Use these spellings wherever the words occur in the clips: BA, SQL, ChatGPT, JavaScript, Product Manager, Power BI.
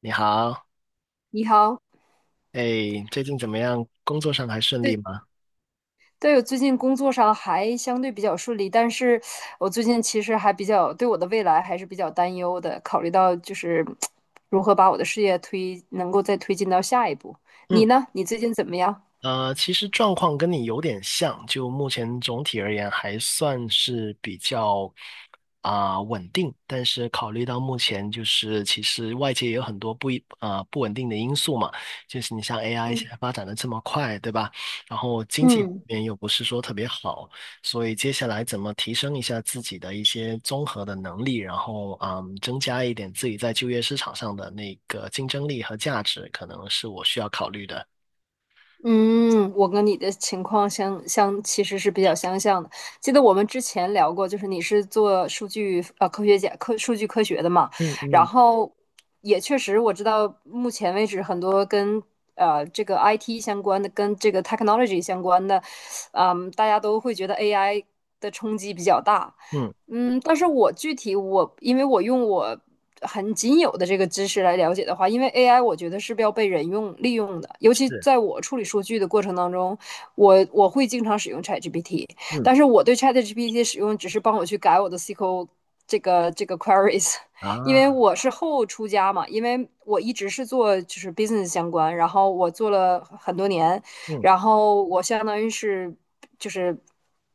你好，你好。哎，最近怎么样？工作上还顺利对吗？对，我最近工作上还相对比较顺利，但是我最近其实还比较对我的未来还是比较担忧的，考虑到就是 如何把我的事业能够再推进到下一步。嗯。你呢？你最近怎么样？其实状况跟你有点像，就目前总体而言还算是比较稳定，但是考虑到目前就是其实外界也有很多不一啊、不稳定的因素嘛，就是你像 AI 现嗯在发展的这么快，对吧？然后经济方嗯，面又不是说特别好，所以接下来怎么提升一下自己的一些综合的能力，然后增加一点自己在就业市场上的那个竞争力和价值，可能是我需要考虑的。嗯，我跟你的情况相其实是比较相像的。记得我们之前聊过，就是你是做数据呃科学家科数据科学的嘛，嗯然嗯。后也确实我知道，目前为止很多跟这个 IT 相关的，跟这个 technology 相关的，大家都会觉得 AI 的冲击比较大。嗯。但是我具体我，因为我很仅有的这个知识来了解的话，因为 AI 我觉得是要被人用利用的，尤其是。在我处理数据的过程当中，我会经常使用 ChatGPT,嗯但是我对 ChatGPT 的使用只是帮我去改我的 SQL 这个 queries,因啊。为我是后出家嘛，因为我一直是做就是 business 相关，然后我做了很多年，嗯然后我相当于是就是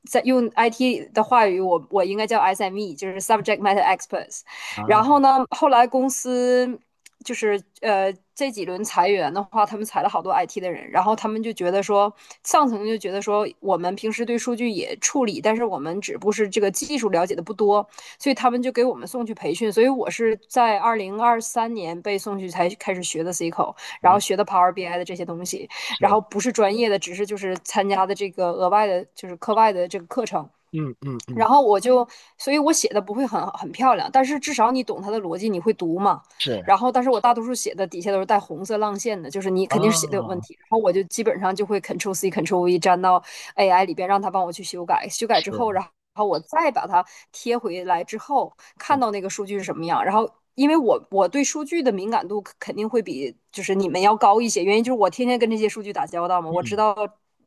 在用 IT 的话语，我应该叫 SME,就是 Subject Matter Experts。然啊后呢，后来公司就是这几轮裁员的话，他们裁了好多 IT 的人，然后他们就觉得说，上层就觉得说，我们平时对数据也处理，但是我们只不过是这个技术了解的不多，所以他们就给我们送去培训。所以我是在2023年被送去才开始学的 SQL,然后啊。学的 Power BI 的这些东西。然是。后不是专业的，只是就是参加的这个额外的，就是课外的这个课程。嗯嗯嗯。然后我就，所以我写的不会很漂亮，但是至少你懂它的逻辑，你会读嘛。是。然后，但是我大多数写的底下都是带红色浪线的，就是你肯定是写的有问哦。题。然后我就基本上就会 Ctrl C Ctrl V 粘到 AI 里边，让它帮我去修改。修改之后，是。然后我再把它贴回来之后，看嗯到那个数据是什么样，然后因为我对数据的敏感度肯定会比就是你们要高一些，原因就是我天天跟这些数据打交道嘛，我知嗯道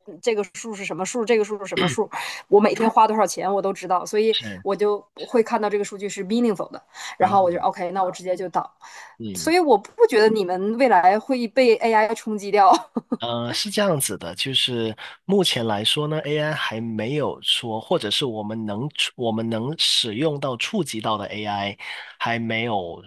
这个数是什么数，这个数是什么数，我每天花多少钱我都知道，所以是我就会看到这个数据是 meaningful 的，然啊。后我就 OK,那我直接就导，所嗯。以我不觉得你们未来会被 AI 冲击掉。是这样子的，就是目前来说呢，AI 还没有说，或者是我们能使用到、触及到的 AI，还没有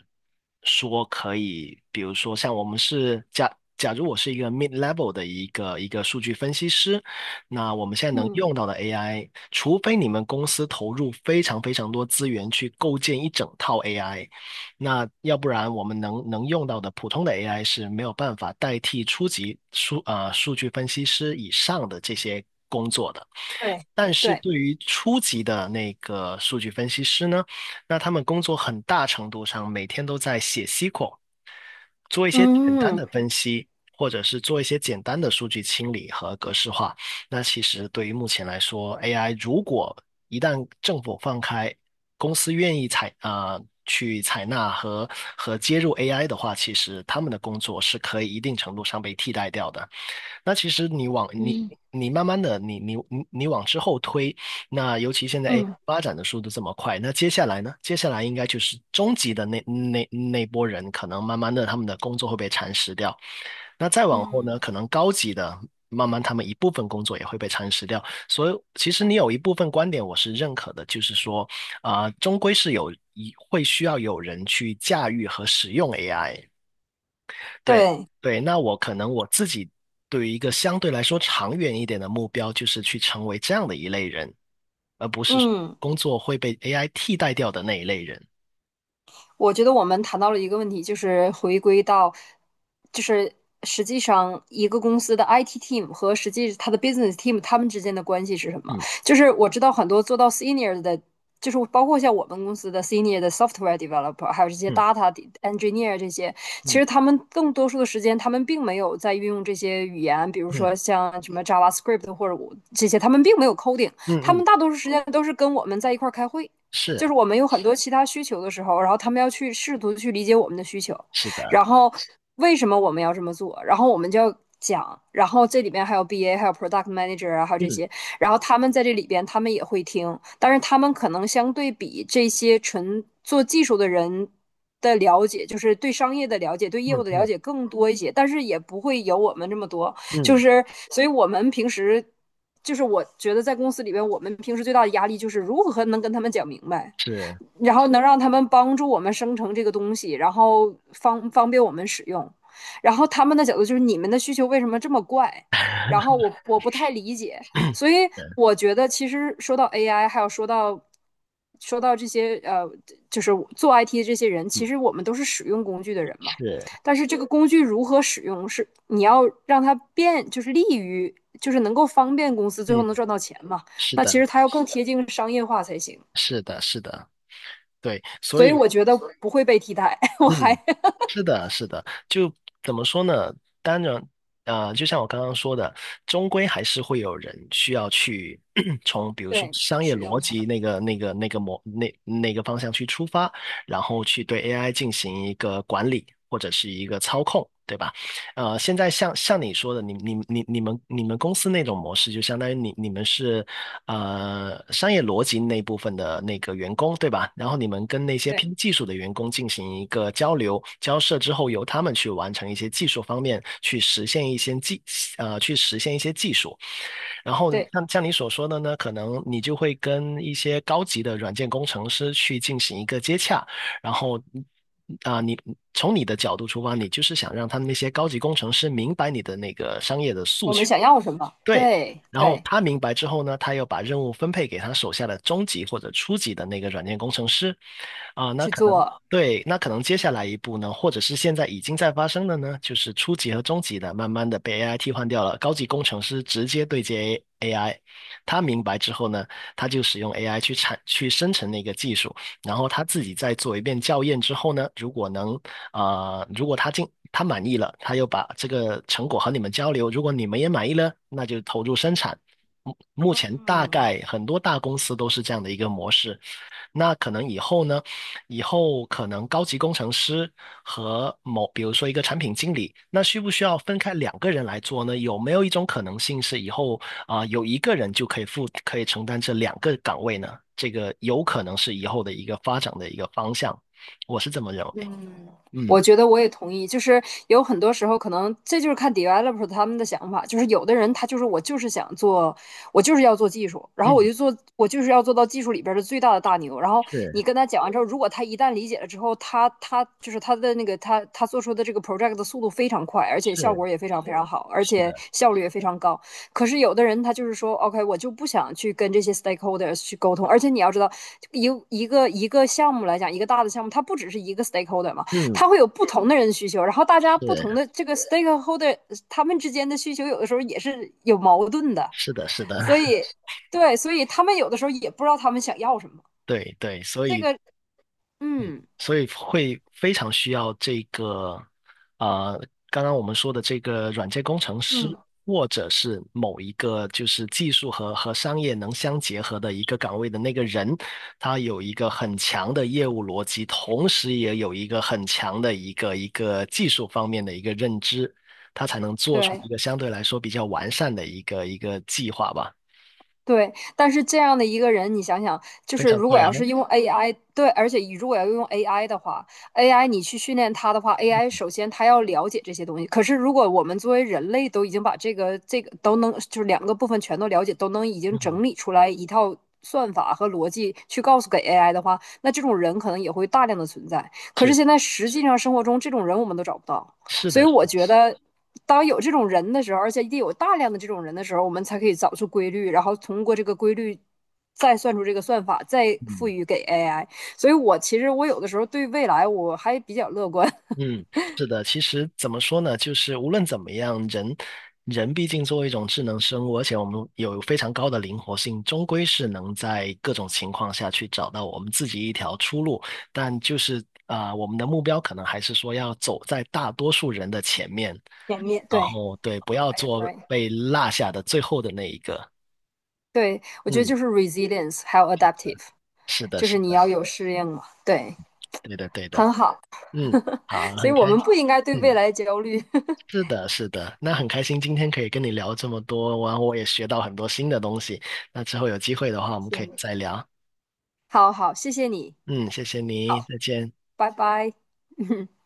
说可以，比如说像我们是假假如我是一个 mid level 的一个数据分析师，那我们现在能嗯，用到的 AI，除非你们公司投入非常非常多资源去构建一整套 AI。那要不然我们能用到的普通的 AI 是没有办法代替初级数据分析师以上的这些工作的。对但是对，对于初级的那个数据分析师呢，那他们工作很大程度上每天都在写 SQL，做一些简单嗯的分析，或者是做一些简单的数据清理和格式化，那其实对于目前来说，AI 如果一旦政府放开，公司愿意去采纳和接入 AI 的话，其实他们的工作是可以一定程度上被替代掉的。那其实你往你嗯你慢慢的你你你你往之后推，那尤其现在 AI 嗯发展的速度这么快，那接下来呢？接下来应该就是中级的那波人，可能慢慢的他们的工作会被蚕食掉。那再往后嗯，呢，可能高级的慢慢他们一部分工作也会被蚕食掉。所以其实你有一部分观点我是认可的，就是说终归是会需要有人去驾驭和使用 AI。对对。对，那我可能我自己对于一个相对来说长远一点的目标，就是去成为这样的一类人，而不是嗯，工作会被 AI 替代掉的那一类人。我觉得我们谈到了一个问题，就是回归到，就是实际上一个公司的 IT team 和实际它的 business team 他们之间的关系是什么？嗯就是我知道很多做到 senior 的，就是包括像我们公司的 senior 的 software developer,还有这些 嗯 data engineer 这些，其嗯实他们更多数的时间，他们并没有在运用这些语言，比如说嗯像什么 JavaScript 或者我这些，他们并没有 coding,嗯他们嗯。大多数时间都是跟我们在一块儿开会。是就是我们有很多其他需求的时候，然后他们要去试图去理解我们的需求，是的。然后为什么我们要这么做，然后我们就要讲，然后这里边还有 BA,还有 Product Manager 啊，还有这嗯些，然后他们在这里边他们也会听，但是他们可能相对比这些纯做技术的人，的了解，就是对商业的了解，对业嗯务的了嗯解更多一些，但是也不会有我们这么多。就嗯。是，所以我们平时就是我觉得在公司里边，我们平时最大的压力就是如何能跟他们讲明白。是然后能让他们帮助我们生成这个东西，然后方便我们使用。然后他们的角度就是你们的需求为什么这么怪？然后我不太理解，所以的。我觉得其实说到 AI,还有说到这些就是做 IT 的这些人，其嗯实我们都是使用工具的人嘛。是但是这个工具如何使用，是你要让它变，就是利于，就是能够方便公司最后嗯能赚到钱嘛。是那其的。实它要更贴近商业化才行。是的，是的，对。所所以以。我觉得不会被替代。我还嗯。是的，是的，就怎么说呢？当然，啊，就像我刚刚说的，终归还是会有人需要去 从，比如说对商业使逻用它，辑那个、那个、那个模、那那个方向去出发，然后去对 AI 进行一个管理或者是一个操控，对吧？现在像你说的，你们公司那种模式，就相当于你们是商业逻辑那部分的那个员工，对吧？然后你们跟那些对偏技术的员工进行一个交流交涉之后，由他们去完成一些技术方面去实现一些技术。然后对，像你所说的呢，可能你就会跟一些高级的软件工程师去进行一个接洽，然后你从你的角度出发，你就是想让他们那些高级工程师明白你的那个商业的诉我们求，想要什么，对，对然后对，他明白之后呢，他又把任务分配给他手下的中级或者初级的那个软件工程师，啊，那去可能做，对，那可能接下来一步呢，或者是现在已经在发生的呢，就是初级和中级的慢慢的被 AI 替换掉了，高级工程师直接对接。 他明白之后呢，他就使用 AI 去生成那个技术，然后他自己再做一遍校验之后呢，啊如果他满意了，他又把这个成果和你们交流，如果你们也满意了，那就投入生产。目前大嗯。概很多大公司都是这样的一个模式，那可能以后呢，以后可能高级工程师和某，比如说一个产品经理，那需不需要分开两个人来做呢？有没有一种可能性是以后有一个人就可以承担这两个岗位呢？这个有可能是以后的一个发展的一个方向，我是这么认为。嗯，嗯我觉得我也同意，就是有很多时候可能这就是看 developer 他们的想法，就是有的人他就是我就是想做，我就是要做技术，然后我嗯。就做，我就是要做到技术里边的最大的大牛。然后是你跟他讲完之后，如果他一旦理解了之后，他就是他的那个他做出的这个 project 的速度非常快，而且效是果也非常非常好，而是且的。效率也非常高。可是有的人他就是说，OK,我就不想去跟这些 stakeholders 去沟通，而且你要知道，一个项目来讲，一个大的项目，它不只是一个 stakeholder 嘛，嗯它会有不同的人需求，然后大家不同是的这个 stakeholder 他们之间的需求有的时候也是有矛盾的，是的。所 以对，所以他们有的时候也不知道他们想要什么。对对，所这以。个，嗯所以会非常需要这个，呃，刚刚我们说的这个软件工程师，嗯，或者是某一个就是技术和商业能相结合的一个岗位的那个人，他有一个很强的业务逻辑，同时也有一个很强的一个技术方面的一个认知，他才能做出对，一个相对来说比较完善的一个计划吧。对，但是这样的一个人，你想想，就非是常如果贵啊，要是用 AI,对，而且如果要用 AI 的话，AI 你去训练它的话，AI 首先它要了解这些东西。可是如果我们作为人类都已经把这个都能，就是两个部分全都了解，都能已经嗯，整理出来一套算法和逻辑去告诉给 AI 的话，那这种人可能也会大量的存在。可是现是在实际上生活中这种人我们都找不到。是所以的。我觉得，当有这种人的时候，而且一定有大量的这种人的时候，我们才可以找出规律，然后通过这个规律再算出这个算法，再赋嗯。予给 AI。所以我其实我有的时候对未来我还比较乐观，嗯，是的，其实怎么说呢，就是无论怎么样，人毕竟作为一种智能生物，而且我们有非常高的灵活性，终归是能在各种情况下去找到我们自己一条出路。但就是我们的目标可能还是说要走在大多数人的前面，前面然对后对，不要，I 做 agree,被落下的最后的那一个。对我觉得嗯，就是 resilience 还有 adaptive,是的，就是是你要的，有适应嘛，对，对的，对的。很好。嗯，好，所以很我开们心。不应该对未嗯。来焦虑。是的，是的，那很开心今天可以跟你聊这么多，然后我也学到很多新的东西。那之后有机会的话，我们可以再聊。好好，谢谢你，嗯，谢谢你，好，再见。拜拜。嗯。